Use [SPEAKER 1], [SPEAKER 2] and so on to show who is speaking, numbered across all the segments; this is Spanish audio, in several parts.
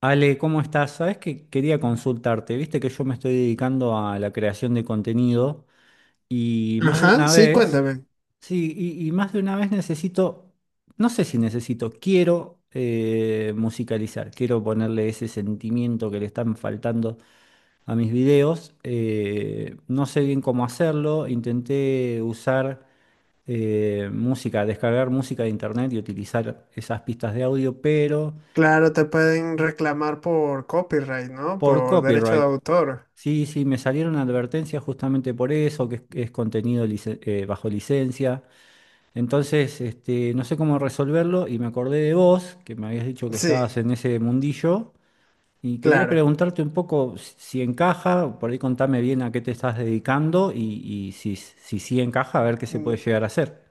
[SPEAKER 1] Ale, ¿cómo estás? Sabes que quería consultarte. Viste que yo me estoy dedicando a la creación de contenido y más de
[SPEAKER 2] Ajá,
[SPEAKER 1] una
[SPEAKER 2] sí,
[SPEAKER 1] vez,
[SPEAKER 2] cuéntame.
[SPEAKER 1] sí, y más de una vez necesito, no sé si necesito, quiero musicalizar, quiero ponerle ese sentimiento que le están faltando a mis videos. No sé bien cómo hacerlo, intenté usar música, descargar música de internet y utilizar esas pistas de audio, pero
[SPEAKER 2] Claro, te pueden reclamar por copyright, ¿no?
[SPEAKER 1] por
[SPEAKER 2] Por derecho de
[SPEAKER 1] copyright.
[SPEAKER 2] autor.
[SPEAKER 1] Sí, sí, me salieron advertencias justamente por eso, que es contenido bajo licencia. Entonces, no sé cómo resolverlo y me acordé de vos, que me habías dicho que
[SPEAKER 2] Sí,
[SPEAKER 1] estabas en ese mundillo, y quería
[SPEAKER 2] claro.
[SPEAKER 1] preguntarte un poco si encaja, por ahí contame bien a qué te estás dedicando y si, si sí encaja, a ver qué se puede
[SPEAKER 2] Mm,
[SPEAKER 1] llegar a hacer.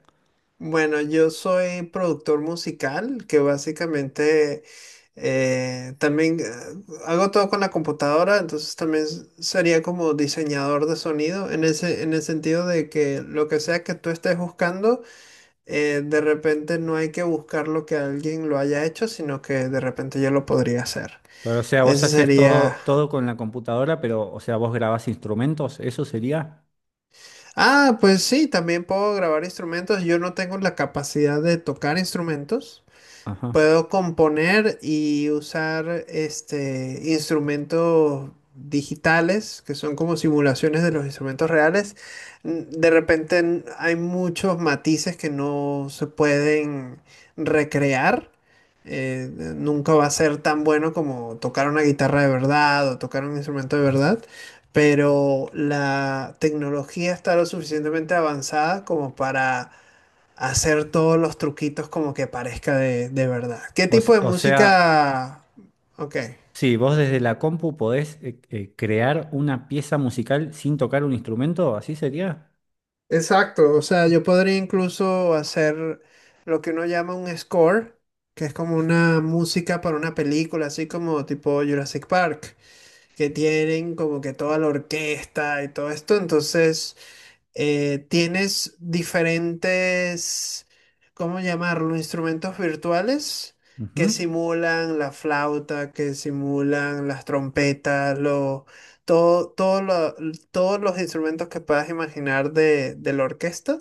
[SPEAKER 2] Bueno, yo soy productor musical, que básicamente también hago todo con la computadora, entonces también sería como diseñador de sonido, en el sentido de que lo que sea que tú estés buscando, de repente no hay que buscar lo que alguien lo haya hecho, sino que de repente yo lo podría hacer.
[SPEAKER 1] Pero, o sea, vos
[SPEAKER 2] Ese
[SPEAKER 1] haces
[SPEAKER 2] sería
[SPEAKER 1] todo con la computadora, pero, o sea, vos grabás instrumentos, eso sería.
[SPEAKER 2] Ah, pues sí, también puedo grabar instrumentos. Yo no tengo la capacidad de tocar instrumentos.
[SPEAKER 1] Ajá.
[SPEAKER 2] Puedo componer y usar instrumentos digitales que son como simulaciones de los instrumentos reales. De repente hay muchos matices que no se pueden recrear. Eh, Nunca va a ser tan bueno como tocar una guitarra de verdad o tocar un instrumento de verdad, pero la tecnología está lo suficientemente avanzada como para hacer todos los truquitos como que parezca de verdad. ¿Qué
[SPEAKER 1] O,
[SPEAKER 2] tipo
[SPEAKER 1] s-
[SPEAKER 2] de
[SPEAKER 1] o sea.
[SPEAKER 2] música? Ok,
[SPEAKER 1] Sí, vos desde la compu podés crear una pieza musical sin tocar un instrumento, ¿así sería?
[SPEAKER 2] exacto. O sea, yo podría incluso hacer lo que uno llama un score, que es como una música para una película, así como tipo Jurassic Park, que tienen como que toda la orquesta y todo esto. Entonces tienes diferentes, ¿cómo llamarlo? Instrumentos virtuales que
[SPEAKER 1] Ujú.
[SPEAKER 2] simulan la flauta, que simulan las trompetas, lo, todo, todo lo- todos los instrumentos que puedas imaginar de la orquesta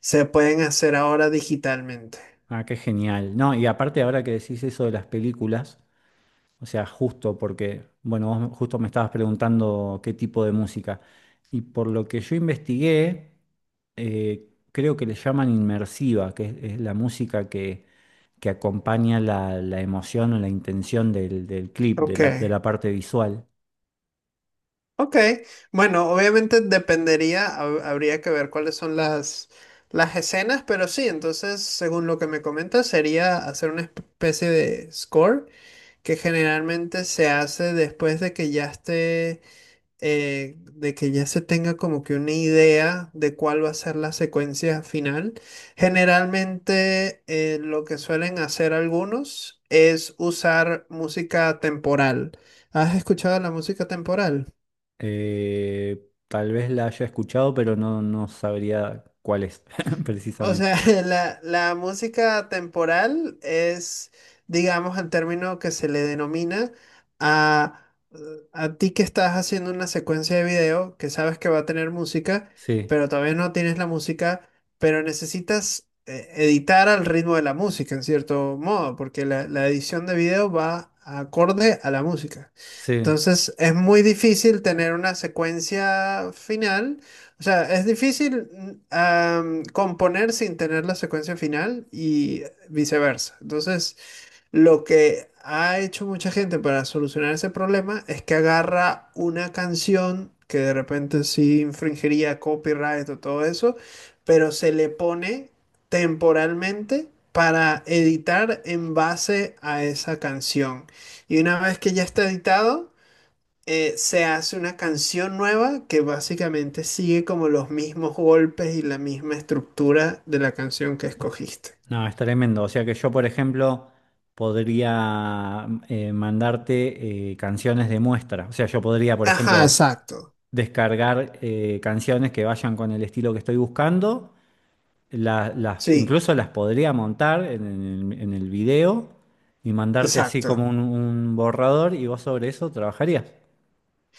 [SPEAKER 2] se pueden hacer ahora digitalmente.
[SPEAKER 1] Ah, qué genial. No, y aparte ahora que decís eso de las películas, o sea, justo porque, bueno, vos justo me estabas preguntando qué tipo de música. Y por lo que yo investigué, creo que le llaman inmersiva, es la música que acompaña la, la emoción o la intención del, del clip,
[SPEAKER 2] Ok.
[SPEAKER 1] de la parte visual.
[SPEAKER 2] Ok, bueno, obviamente dependería, habría que ver cuáles son las escenas, pero sí. Entonces, según lo que me comentas, sería hacer una especie de score que generalmente se hace después de que ya esté, de que ya se tenga como que una idea de cuál va a ser la secuencia final. Generalmente, lo que suelen hacer algunos es usar música temporal. ¿Has escuchado la música temporal?
[SPEAKER 1] Tal vez la haya escuchado, pero no, no sabría cuál es
[SPEAKER 2] O
[SPEAKER 1] precisamente.
[SPEAKER 2] sea, la música temporal es, digamos, el término que se le denomina a, a ti que estás haciendo una secuencia de video, que sabes que va a tener música,
[SPEAKER 1] Sí,
[SPEAKER 2] pero todavía no tienes la música, pero necesitas editar al ritmo de la música, en cierto modo, porque la edición de video va acorde a la música.
[SPEAKER 1] sí.
[SPEAKER 2] Entonces, es muy difícil tener una secuencia final, o sea, es difícil componer sin tener la secuencia final y viceversa. Entonces, lo que ha hecho mucha gente para solucionar ese problema es que agarra una canción que de repente sí infringiría copyright o todo eso, pero se le pone temporalmente para editar en base a esa canción. Y una vez que ya está editado se hace una canción nueva que básicamente sigue como los mismos golpes y la misma estructura de la canción que escogiste.
[SPEAKER 1] No, es tremendo. O sea que yo, por ejemplo, podría mandarte canciones de muestra. O sea, yo podría, por
[SPEAKER 2] Ajá,
[SPEAKER 1] ejemplo,
[SPEAKER 2] exacto.
[SPEAKER 1] descargar canciones que vayan con el estilo que estoy buscando. Las,
[SPEAKER 2] Sí,
[SPEAKER 1] incluso las podría montar en el video y mandarte así como
[SPEAKER 2] exacto.
[SPEAKER 1] un borrador y vos sobre eso trabajarías.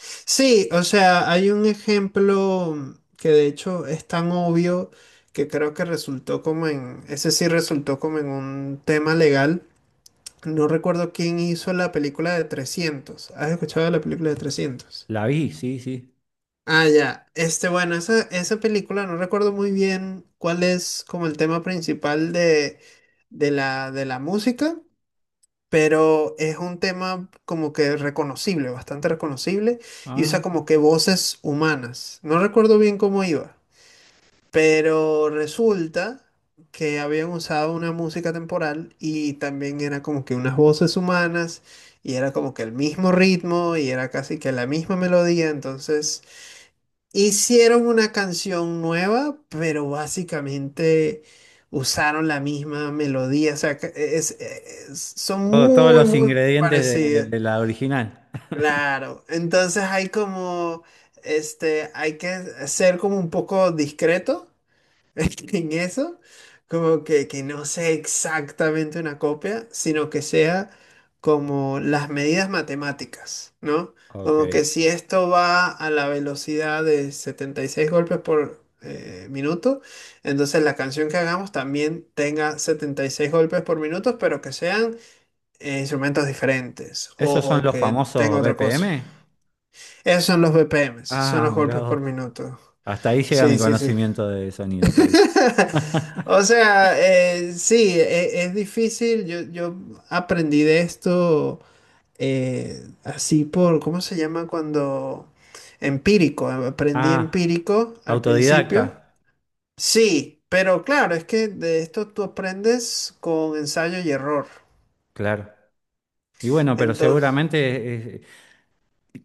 [SPEAKER 2] Sí, o sea, hay un ejemplo que de hecho es tan obvio que creo que resultó ese sí resultó como en un tema legal. No recuerdo quién hizo la película de 300. ¿Has escuchado de la película de 300?
[SPEAKER 1] La vi, sí, sí.
[SPEAKER 2] Ah, ya. Este, bueno, esa película no recuerdo muy bien cuál es como el tema principal de la música, pero es un tema como que reconocible, bastante reconocible, y
[SPEAKER 1] Ah,
[SPEAKER 2] usa como que voces humanas. No recuerdo bien cómo iba, pero resulta que habían usado una música temporal y también era como que unas voces humanas, y era como que el mismo ritmo, y era casi que la misma melodía. Entonces hicieron una canción nueva, pero básicamente usaron la misma melodía. O sea, que son
[SPEAKER 1] todos
[SPEAKER 2] muy,
[SPEAKER 1] los
[SPEAKER 2] muy
[SPEAKER 1] ingredientes
[SPEAKER 2] parecidas.
[SPEAKER 1] de la original.
[SPEAKER 2] Claro. Entonces hay como, hay que ser como un poco discreto en eso, como que no sea exactamente una copia, sino que sea como las medidas matemáticas, ¿no?
[SPEAKER 1] Ok.
[SPEAKER 2] Como que si esto va a la velocidad de 76 golpes por minuto, entonces la canción que hagamos también tenga 76 golpes por minuto, pero que sean instrumentos diferentes
[SPEAKER 1] ¿Esos
[SPEAKER 2] o,
[SPEAKER 1] son
[SPEAKER 2] o
[SPEAKER 1] los
[SPEAKER 2] que tenga
[SPEAKER 1] famosos
[SPEAKER 2] otra cosa.
[SPEAKER 1] BPM?
[SPEAKER 2] Esos son los BPMs, son
[SPEAKER 1] Ah,
[SPEAKER 2] los
[SPEAKER 1] mirá
[SPEAKER 2] golpes
[SPEAKER 1] vos.
[SPEAKER 2] por minuto.
[SPEAKER 1] Hasta ahí llega mi
[SPEAKER 2] Sí, sí, sí.
[SPEAKER 1] conocimiento de sonido, te aviso.
[SPEAKER 2] O sea, sí, es difícil. Yo aprendí de esto así por, ¿cómo se llama cuando? Empírico. Aprendí
[SPEAKER 1] Ah,
[SPEAKER 2] empírico al
[SPEAKER 1] autodidacta.
[SPEAKER 2] principio. Sí, pero claro, es que de esto tú aprendes con ensayo y error.
[SPEAKER 1] Claro. Y bueno, pero
[SPEAKER 2] Entonces,
[SPEAKER 1] seguramente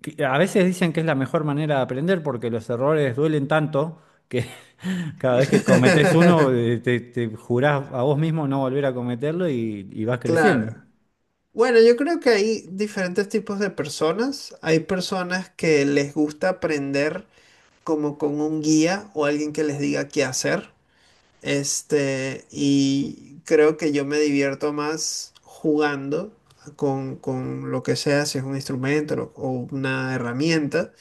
[SPEAKER 1] que a veces dicen que es la mejor manera de aprender porque los errores duelen tanto que cada vez que cometés uno te, te jurás a vos mismo no volver a cometerlo y vas creciendo.
[SPEAKER 2] claro. Bueno, yo creo que hay diferentes tipos de personas. Hay personas que les gusta aprender como con un guía o alguien que les diga qué hacer. Y creo que yo me divierto más jugando con lo que sea, si es un instrumento o una herramienta.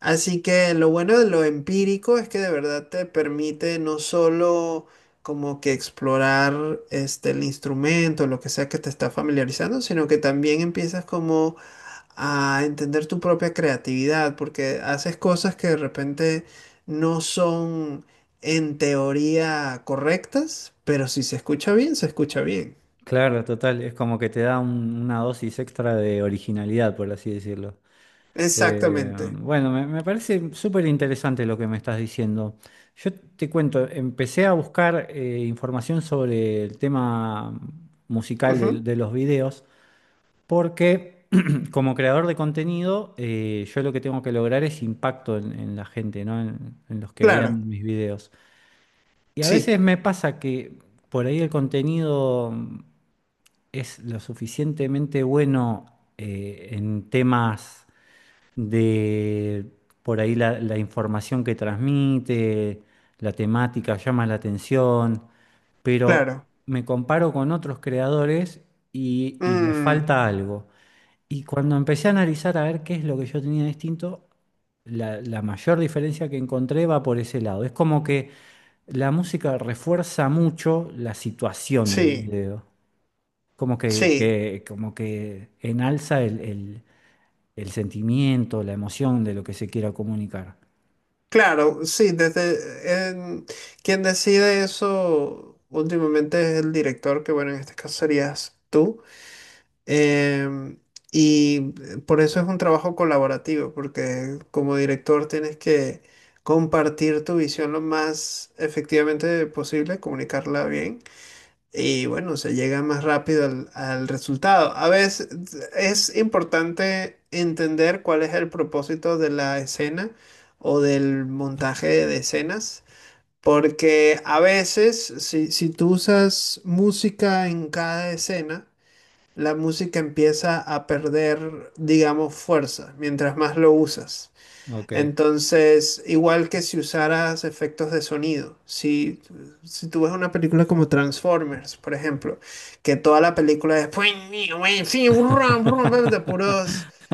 [SPEAKER 2] Así que lo bueno de lo empírico es que de verdad te permite no solo como que explorar el instrumento, lo que sea que te está familiarizando, sino que también empiezas como a entender tu propia creatividad, porque haces cosas que de repente no son en teoría correctas, pero si se escucha bien, se escucha bien.
[SPEAKER 1] Claro, total, es como que te da una dosis extra de originalidad, por así decirlo. Eh,
[SPEAKER 2] Exactamente.
[SPEAKER 1] bueno, me parece súper interesante lo que me estás diciendo. Yo te cuento, empecé a buscar información sobre el tema musical
[SPEAKER 2] Ujú.
[SPEAKER 1] de, los videos, porque como creador de contenido, yo lo que tengo que lograr es impacto en la gente, ¿no? En los que
[SPEAKER 2] Claro,
[SPEAKER 1] vean mis videos. Y a veces
[SPEAKER 2] sí,
[SPEAKER 1] me pasa que por ahí el contenido es lo suficientemente bueno en temas de por ahí la, la información que transmite, la temática llama la atención, pero
[SPEAKER 2] claro.
[SPEAKER 1] me comparo con otros creadores y le
[SPEAKER 2] Mm,
[SPEAKER 1] falta algo. Y cuando empecé a analizar a ver qué es lo que yo tenía distinto, la mayor diferencia que encontré va por ese lado. Es como que la música refuerza mucho la situación del
[SPEAKER 2] sí,
[SPEAKER 1] video como que,
[SPEAKER 2] sí,
[SPEAKER 1] como que enalza el, el sentimiento, la emoción de lo que se quiera comunicar.
[SPEAKER 2] claro, sí, desde quien decide eso últimamente es el director, que bueno, en este caso serías tú. Em, y por eso es un trabajo colaborativo, porque como director tienes que compartir tu visión lo más efectivamente posible, comunicarla bien y bueno, se llega más rápido al resultado. A veces es importante entender cuál es el propósito de la escena o del montaje de escenas. Porque a veces, si tú usas música en cada escena, la música empieza a perder, digamos, fuerza mientras más lo usas.
[SPEAKER 1] Ok.
[SPEAKER 2] Entonces, igual que si usaras efectos de sonido, si tú ves una película como Transformers, por ejemplo, que toda la película es de puros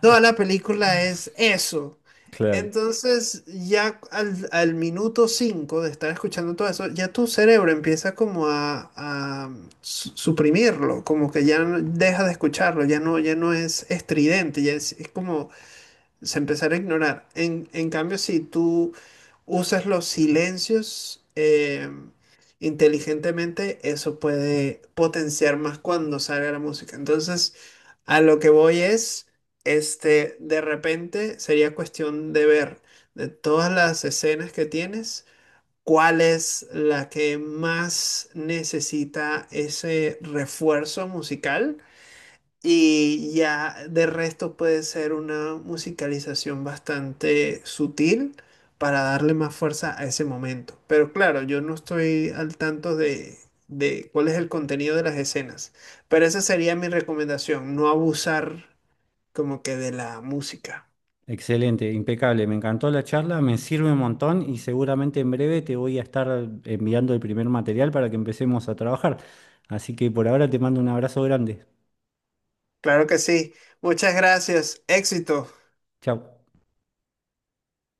[SPEAKER 2] toda la película es eso.
[SPEAKER 1] Claro.
[SPEAKER 2] Entonces, ya al minuto 5 de estar escuchando todo eso, ya tu cerebro empieza como a suprimirlo, como que deja de escucharlo, ya no es estridente, ya es como se empezar a ignorar. En cambio, si tú usas los silencios inteligentemente, eso puede potenciar más cuando salga la música. Entonces, a lo que voy es, de repente sería cuestión de ver de todas las escenas que tienes, cuál es la que más necesita ese refuerzo musical y ya de resto puede ser una musicalización bastante sutil para darle más fuerza a ese momento. Pero claro, yo no estoy al tanto de cuál es el contenido de las escenas. Pero esa sería mi recomendación, no abusar como que de la música.
[SPEAKER 1] Excelente, impecable. Me encantó la charla, me sirve un montón y seguramente en breve te voy a estar enviando el primer material para que empecemos a trabajar. Así que por ahora te mando un abrazo grande.
[SPEAKER 2] Claro que sí. Muchas gracias. Éxito.
[SPEAKER 1] Chao.